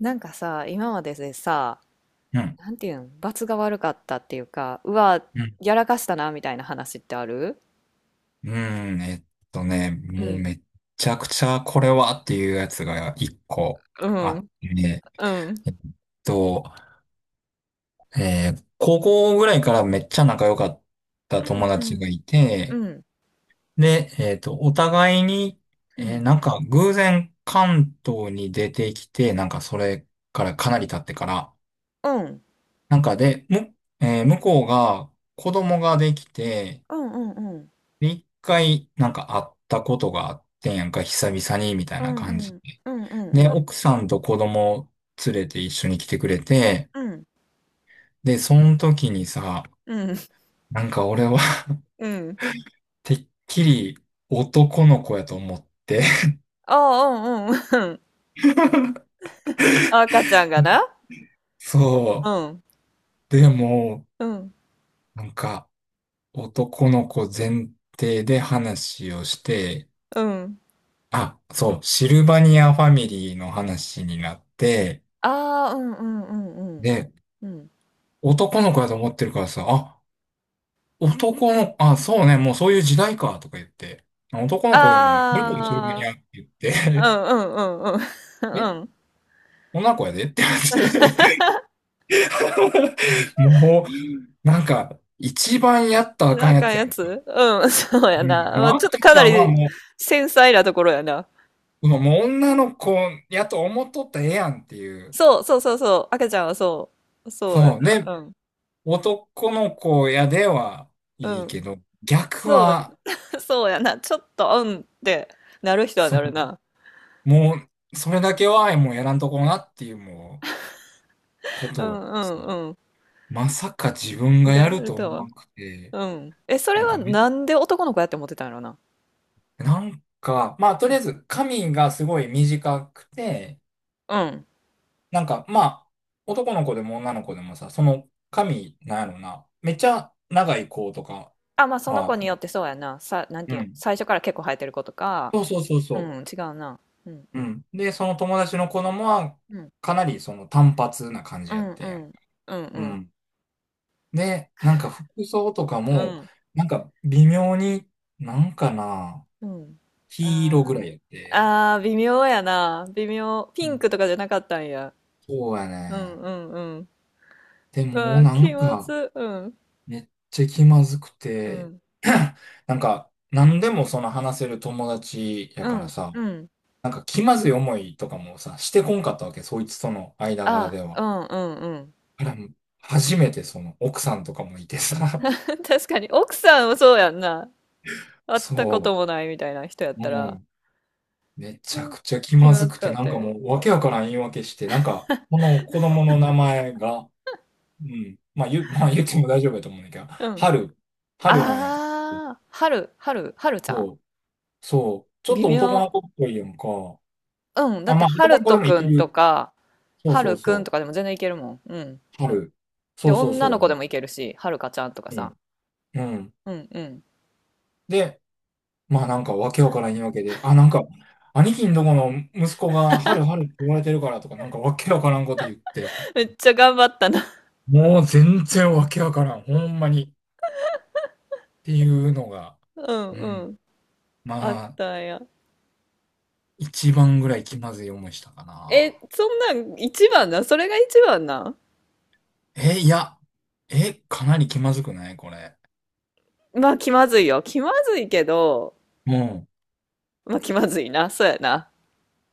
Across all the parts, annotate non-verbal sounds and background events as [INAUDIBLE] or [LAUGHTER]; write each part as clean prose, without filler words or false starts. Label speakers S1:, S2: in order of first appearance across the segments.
S1: なんかさ、今まででさ、
S2: うん。
S1: なんていうん、罰が悪かったっていうか、うわ、
S2: うん。
S1: やらかしたな、みたいな話ってある？
S2: うん。
S1: う
S2: もう
S1: ん。
S2: めっちゃくちゃこれはっていうやつが一個
S1: う
S2: あっ
S1: ん。
S2: てね。
S1: うん。
S2: えっと、高校ぐらいからめっちゃ仲良かった
S1: う
S2: 友
S1: ん。う
S2: 達が
S1: ん。
S2: いて、
S1: うん。
S2: で、お互いに、
S1: うん。
S2: なんか偶然関東に出てきて、なんかそれからかなり経ってから、
S1: うん。
S2: なんかで、向こうが子供ができて、
S1: うん。うん。
S2: 一回、なんか会ったことがあってんやんか、久々に、みたい
S1: う
S2: な
S1: ん。う
S2: 感じで。
S1: ん。うん。う
S2: で、
S1: ん。
S2: 奥さんと子供連れて一緒に来てくれて、
S1: うん。
S2: で、その時にさ、
S1: うん。うん。
S2: なんか俺は [LAUGHS]
S1: うん。
S2: てっきり男の子やと思って、
S1: ああ、うん。うん。うん。赤ちゃんがな。う
S2: そ
S1: ん。
S2: う。でも、
S1: うん。
S2: なんか男の子前提で話をして、
S1: うん。
S2: あ、そう、シルバニアファミリーの話になって、
S1: ああ、うん。うん。うん。うん。
S2: で、
S1: うん。
S2: 男の子やと思ってるからさ、あ男の、あ、そうね、もうそういう時代か、とか言って、男の子でも、どれこれするに
S1: あ
S2: ゃって言っ
S1: あ、う
S2: て、
S1: ん。うん。うん。う
S2: [LAUGHS] え、
S1: ん。うん。
S2: 女の子やでって言われて、[LAUGHS] もう、なんか、一番やったらあか
S1: あ
S2: んや
S1: かん
S2: つや
S1: や
S2: ん。
S1: つ、うん、[LAUGHS] そうや
S2: う
S1: な。
S2: ん、
S1: まあ
S2: もう
S1: ちょっと
S2: 赤
S1: か
S2: ち
S1: な
S2: ゃんは
S1: り
S2: も
S1: 繊細なところやな。
S2: う、もうもう女の子やと思っとったらええやんっていう。
S1: そう、そうそうそう。赤ちゃんはそう。そうや
S2: そう。で、
S1: な。うん。
S2: 男の子やでは
S1: う
S2: いい
S1: ん。
S2: けど、逆
S1: そ
S2: は、
S1: う、[LAUGHS] そうやな。ちょっと、うんってなる人は
S2: そ
S1: な
S2: う、
S1: るな。
S2: もう、それだけはもうやらんとこなっていう、もう、こ
S1: う
S2: とを。
S1: んうん
S2: まさか自分
S1: うん。
S2: が
S1: が
S2: や
S1: や
S2: る
S1: る
S2: と
S1: と
S2: 思
S1: は。
S2: わなくて、
S1: うん。え、それ
S2: なんか
S1: は
S2: め、
S1: なんで男の子やって思ってたんやろな。
S2: なんか、まあとりあえず髪がすごい短くて、
S1: うん。
S2: なんかまあ男の子でも女の子でもさ、その髪、なんやろな、めっちゃ長い子とか
S1: あ、まあその
S2: は、
S1: 子によってそうやな。さ、なん
S2: う
S1: ていうん。
S2: ん。
S1: 最初から結構生えてる子とか。
S2: そうそうそう
S1: う
S2: そ
S1: ん、違うな。うん
S2: う。
S1: う
S2: う
S1: ん。
S2: ん。で、その友達の子供は
S1: うん。
S2: かなりその単発な感
S1: う
S2: じやっ
S1: んう
S2: てん。
S1: ん。うんう
S2: う
S1: ん。
S2: ん。で、なんか服装とか
S1: う
S2: も、
S1: ん。
S2: なんか微妙に、なんかな、
S1: うん。あ
S2: 黄色ぐらい
S1: ー、
S2: やって。
S1: あー、微妙やな。微妙。ピンクとかじゃなかったんや。
S2: そうや
S1: うん
S2: ね。
S1: うんうん。
S2: でも、
S1: あー、
S2: な
S1: 気
S2: ん
S1: ま
S2: か、
S1: ず。うん。
S2: めっちゃ気まずく
S1: う
S2: て、
S1: ん。
S2: [CLEARS THROAT] なんか、何でもその話せる友達や
S1: う
S2: から
S1: ん。
S2: さ、
S1: うん。
S2: なんか気まずい思いとかもさ、してこんかったわけ、そいつとの間柄
S1: あ
S2: で
S1: ー、
S2: は。
S1: うんうんうん。
S2: あら、初めてその奥さんとかもいてさ、
S1: [LAUGHS] 確かに、奥さんもそうやんな。
S2: [LAUGHS]
S1: 会ったこ
S2: そ
S1: ともないみたいな人やっ
S2: う、
S1: たら、
S2: もう、め
S1: う
S2: ちゃ
S1: ん、
S2: くちゃ気
S1: 気
S2: ま
S1: ま
S2: ず
S1: ず
S2: くて、
S1: かっ
S2: な
S1: た
S2: んかも
S1: よ。
S2: う、わけわからん言い訳して、なんか、この子供の名前が、うん、まあ言う、まあ言っても大丈夫やと思うんだけど、
S1: うん。
S2: 春、春なんやけど、
S1: ああ、はる、はる、はるちゃん。
S2: そうそう。ちょっ
S1: 微
S2: と男の
S1: 妙。
S2: 子っぽいやんか。
S1: うん。だ
S2: あ、
S1: って、
S2: まあ
S1: は
S2: 男
S1: る
S2: の子
S1: と
S2: でもい
S1: く
S2: け
S1: ん
S2: る。
S1: とか、
S2: そう
S1: は
S2: そう
S1: るく
S2: そ
S1: ん
S2: う。
S1: とかでも全然いけるもん。うん。
S2: 春。
S1: で、
S2: そうそう
S1: 女
S2: そ
S1: の
S2: う。
S1: 子でもいけるし、はるかちゃんとか
S2: う
S1: さ。
S2: ん。うん。
S1: うんうん。
S2: で、まあなんかわけわからん言い訳で。あ、なんか、兄貴んとこの息子が春春って言われてるからとか、なんかわけわからんこと言って。
S1: めっちゃ頑張ったな。
S2: もう全然わけわからん。ほんまに。っていうのが、
S1: うん
S2: う
S1: う
S2: ん。
S1: ん。あっ
S2: まあ、
S1: たんや。
S2: 一番ぐらい気まずい思いしたかな。
S1: え、そんなん一番な。それが一番な。
S2: え、いや。え、かなり気まずくないこれ？
S1: まあ気まずいよ。気まずいけど、
S2: うん。
S1: まあ気まずいな。そうやな。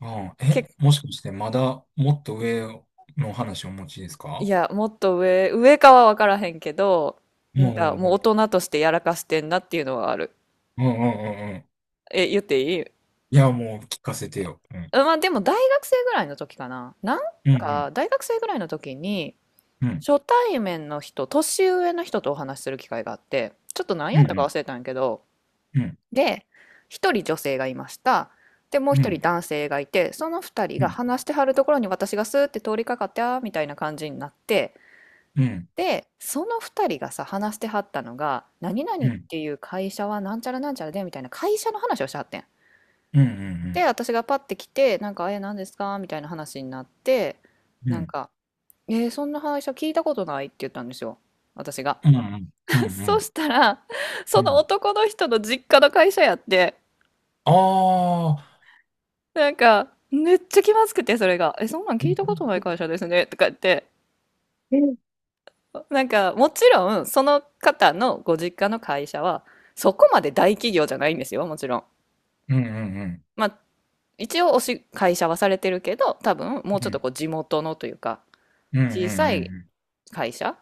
S2: ああ、
S1: け、
S2: え、もしかしてまだもっと上の話をお持ちです
S1: い
S2: か？
S1: や、もっと上、上かは分からへんけど、
S2: うん
S1: な
S2: う
S1: ん
S2: ん
S1: か
S2: う
S1: もう大
S2: ん。
S1: 人としてやらかしてんなっていうのはある。
S2: うんうんうんうん。
S1: え、言っていい？
S2: いや、もう聞かせてよ。うん。
S1: あ、まあでも大学生ぐらいの時かな。なん
S2: うん
S1: か大学生ぐらいの時に
S2: うん。うん。
S1: 初対面の人、年上の人とお話しする機会があって、ちょっと何
S2: う
S1: やったか
S2: ん。
S1: 忘れたんやけど、
S2: うん。
S1: で、一人女性がいました。で、もう
S2: う
S1: 一人
S2: ん。
S1: 男性がいて、その二人
S2: う
S1: が
S2: ん。
S1: 話してはるところに私がスーって通りかかってあーみたいな感じになって、
S2: うん。
S1: で、その二人がさ、話してはったのが、何
S2: う
S1: 々っ
S2: ん。
S1: ていう会社はなんちゃらなんちゃらでみたいな会社の話をしてはってん。
S2: うん。う
S1: で、
S2: ん。
S1: 私がパッて来て、なんか、え、何ですかみたいな話になって、
S2: う
S1: なん
S2: ん。
S1: か、えーそんな会社聞いたことないって言ったんですよ。私が。
S2: うん。うん。う
S1: [LAUGHS] そ
S2: ん。
S1: したら、
S2: う
S1: その
S2: ん。
S1: 男の人の実家の会社やって、
S2: ああ。
S1: なんか、めっちゃ気まずくて、それが。え、そんなん聞いたことない会社ですね。とか言って。
S2: うん
S1: なんか、もちろん、その方のご実家の会社は、そこまで大企業じゃないんですよ、もちろん。
S2: うんうん。
S1: まあ、一応会社はされてるけど、多分、もう
S2: う
S1: ちょっと
S2: ん
S1: こう、地元のというか、
S2: うんう
S1: 小さい
S2: ん
S1: 会社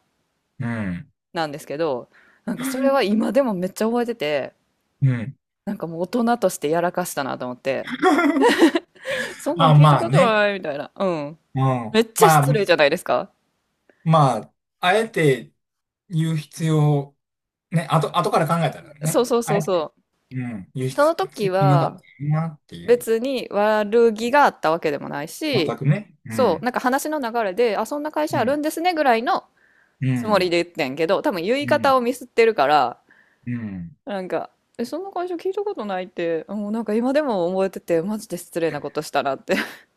S2: うん。うん。
S1: なんですけど、なんかそれは今でもめっちゃ覚えてて、
S2: うん。
S1: なんかもう大人としてやらかしたなと思って、そんなん
S2: あ、
S1: 聞いた
S2: まあ
S1: こと
S2: ね。
S1: ないみたいな。うん。
S2: うん。
S1: めっちゃ
S2: ま
S1: 失礼
S2: あ、
S1: じゃないですか。
S2: まあ、あえて言う必要ね、後から考えたら
S1: そ
S2: ね、
S1: うそう
S2: あ
S1: そ
S2: え
S1: う
S2: て、
S1: そう。
S2: うん、輸
S1: そ
S2: 出
S1: の
S2: つ
S1: 時
S2: いてなかっ
S1: は、
S2: たなっていう。
S1: 別に悪気があったわけでもない
S2: 全
S1: し、
S2: くね。う
S1: そう、
S2: ん。
S1: なんか話の流れで、あ、そんな会
S2: う
S1: 社ある
S2: ん。
S1: んですねぐらいの
S2: う
S1: つもり
S2: ん。
S1: で言ってんけど、多分言い
S2: うん。
S1: 方をミスってるから、
S2: うん。
S1: なんか、え、そんな会社聞いたことないって、もうなんか今でも覚えてて、マジで失礼なことしたなって。[LAUGHS]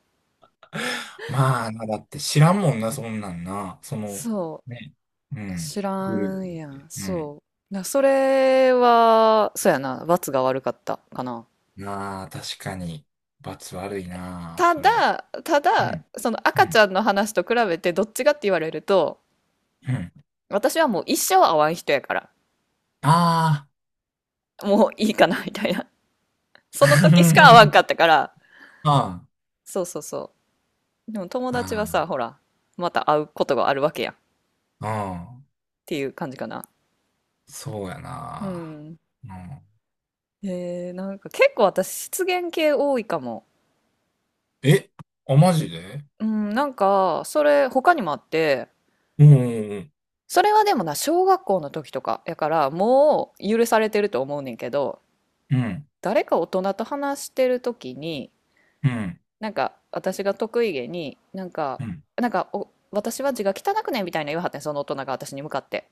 S2: まあな、だって知らんもんな、そんなんな。その、
S1: そ
S2: ね。う
S1: う、
S2: ん。
S1: 知
S2: グル
S1: ら
S2: ープっ
S1: んやん、
S2: て。うん。
S1: そう。な、それは、そうやな、罰が悪かったかな。
S2: なあ、確かに、罰悪いなあ、
S1: た
S2: それ。
S1: だ、た
S2: う
S1: だ、
S2: ん。
S1: その
S2: う
S1: 赤ち
S2: ん。
S1: ゃんの話と比べてどっちがって言われると、
S2: うん。
S1: 私はもう一生会わん人やから。
S2: ああ。
S1: もういいかなみたいな。その時しか会わん
S2: [LAUGHS]
S1: かったから、
S2: あ
S1: そうそうそう。でも友達はさ、
S2: あ。
S1: ほら、また会うことがあるわけやんっ
S2: ああ。うん。
S1: ていう感じかな。
S2: そうやな
S1: う
S2: あ。
S1: ん。
S2: うん。
S1: なんか結構私失言系多いかも。
S2: え、あ、マジで？
S1: うん、なんかそれ他にもあって、
S2: うん。
S1: それはでもな、小学校の時とかやからもう許されてると思うねんけど、
S2: うんうん、
S1: 誰か大人と話してる時に、
S2: うん、
S1: なんか私が得意げに、なんか、
S2: うん、
S1: なんかお私は字が汚くねみたいな言わはってんその大人が私に向かって。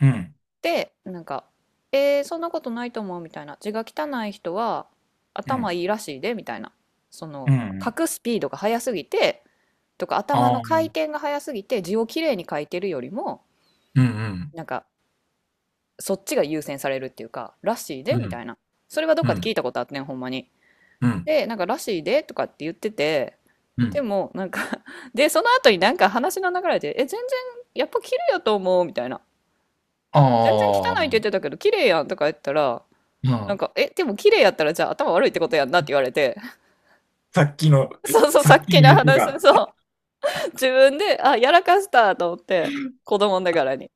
S2: うん、
S1: で、なんか、そんなことないと思うみたいな。字が汚い人は頭いいらしいでみたいな。そ
S2: う
S1: の、書
S2: ん、
S1: くスピードが速すぎて、とか
S2: あ
S1: 頭
S2: あ
S1: の
S2: うん。あ
S1: 回
S2: あ、
S1: 転が速すぎて字をきれいに書いてるよりも、なんか、そっちが優先されるっていうか、らしいで
S2: う
S1: みた
S2: ん
S1: いな。それはどっかで聞いたことあってん、ほんまに。
S2: うんうん
S1: で、なんか、らしいでとかって言ってて、でも、なんか [LAUGHS] で、その後になんか話の流れで、え、全然、やっぱ綺麗やと思うみたいな。全然
S2: あ
S1: 汚いって言っ
S2: あ、
S1: てたけど、綺麗やんとか言ったら、
S2: う
S1: なん
S2: ん。
S1: か、え、でも綺麗やったらじゃあ頭悪いってことやんなって言われて、
S2: さっきの、
S1: [LAUGHS] そうそう、
S2: さ
S1: さ
S2: っ
S1: っ
S2: き
S1: き
S2: の
S1: の
S2: やつ
S1: 話、
S2: が。
S1: そう、自分で、あ、やらかしたと思って、子供ながらに、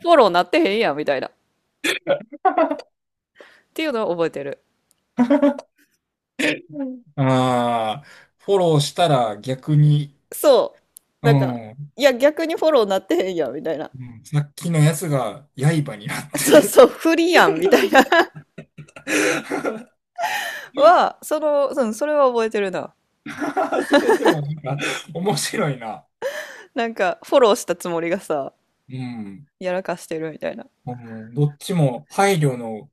S1: フォローなってへんやんみたいな、っていうのを覚えてる。
S2: ああ、フォローしたら逆に、
S1: そう、
S2: う
S1: なんか、
S2: ん、う
S1: いや、逆にフォローなってへんやんみたいな。
S2: んさっきのやつが刃になっ
S1: [LAUGHS] そう
S2: て
S1: そう、不利やんみたいな [LAUGHS] は、その、うん、それは覚えてるな。
S2: [LAUGHS] それでもなんか面白いな。
S1: なんか、フォローしたつもりがさ、
S2: うん。
S1: やらかしてるみたいな。
S2: うんどっちも配慮の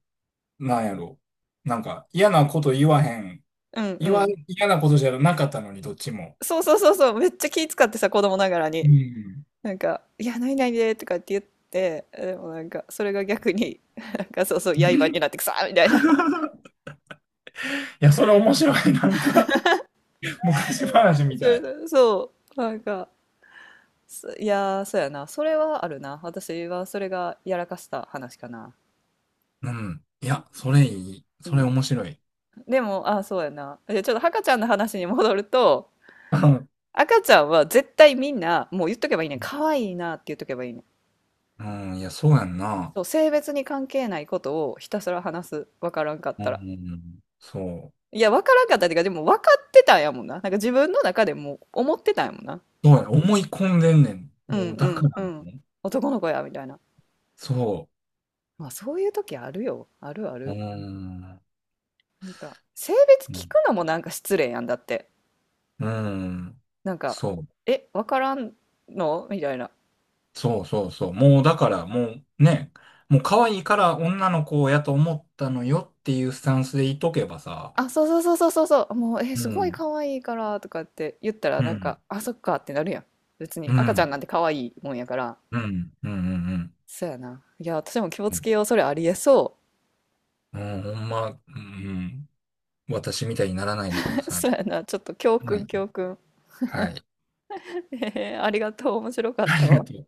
S2: なんやろ。なんか、嫌なこと言わへん。
S1: うんうん。
S2: 嫌なことじゃなかったのに、どっちも。
S1: そうそうそうそう、めっちゃ気使ってさ、子供ながら
S2: う
S1: に。
S2: ん。
S1: なんか、いや、ないないでとかって言って、でもなんか、それが逆に、[LAUGHS] なんか、そうそう、刃になってくさーみたいな。
S2: いや、それ面白い。なんか、昔話
S1: [LAUGHS]
S2: み
S1: そ
S2: たい。
S1: う、そうなんか、そいやー、そうやな。それはあるな。私はそれがやらかした話かな。
S2: うん。い
S1: うん。
S2: や、それいい。それ面白い。
S1: でも、あ、そうやな。で、ちょっと赤ちゃんの話に戻ると、
S2: うん
S1: 赤ちゃんは絶対みんな、もう言っとけばいいねん。可愛いなって言っとけばいいねん。
S2: うん、いや、そうやんな。
S1: そう、性別に関係ないことをひたすら話す。わからんかっ
S2: う
S1: たら。
S2: ん、そう。
S1: いや、わからんかったっていうか、でも分かってたんやもんな。なんか自分の中でも思ってたんやもんな。
S2: そうや、思い込んでんねん。
S1: うん
S2: もう、
S1: う
S2: だか
S1: ん
S2: ら
S1: うん。
S2: ね。
S1: 男の子や、みたいな。
S2: そ
S1: まあ、そういう時あるよ。あるあ
S2: う。う
S1: る。
S2: ん。
S1: なんか、性別聞くのもなんか失礼やんだって。
S2: うん。
S1: なんか、
S2: そう。
S1: え、わからんのみたいな。
S2: そうそうそう。もうだからもうね、もう可愛いから女の子やと思ったのよっていうスタンスでいとけばさ、
S1: あ、そうそうそうそうそうそう。もう、え、
S2: う
S1: すごい
S2: ん、
S1: 可愛いから、とかって言ったら、
S2: う
S1: なん
S2: ん、
S1: か、あ、そっかってなるやん。別
S2: う
S1: に、赤ちゃん
S2: ん、
S1: なんて可愛いもんやから。
S2: うん、うん、うん、うん、
S1: そうやな。いや、私も気を
S2: う
S1: つ
S2: ん
S1: けよう。それありえそ
S2: んほんま、うん、私みたいにならないでくだ
S1: う。[LAUGHS]
S2: さい。
S1: そうやな。ちょっと教
S2: は
S1: 訓、
S2: い。
S1: 教訓。
S2: はい。
S1: へえ、ありがとう。面白か
S2: [LAUGHS]
S1: っ
S2: あ
S1: た
S2: りが
S1: わ。
S2: とう。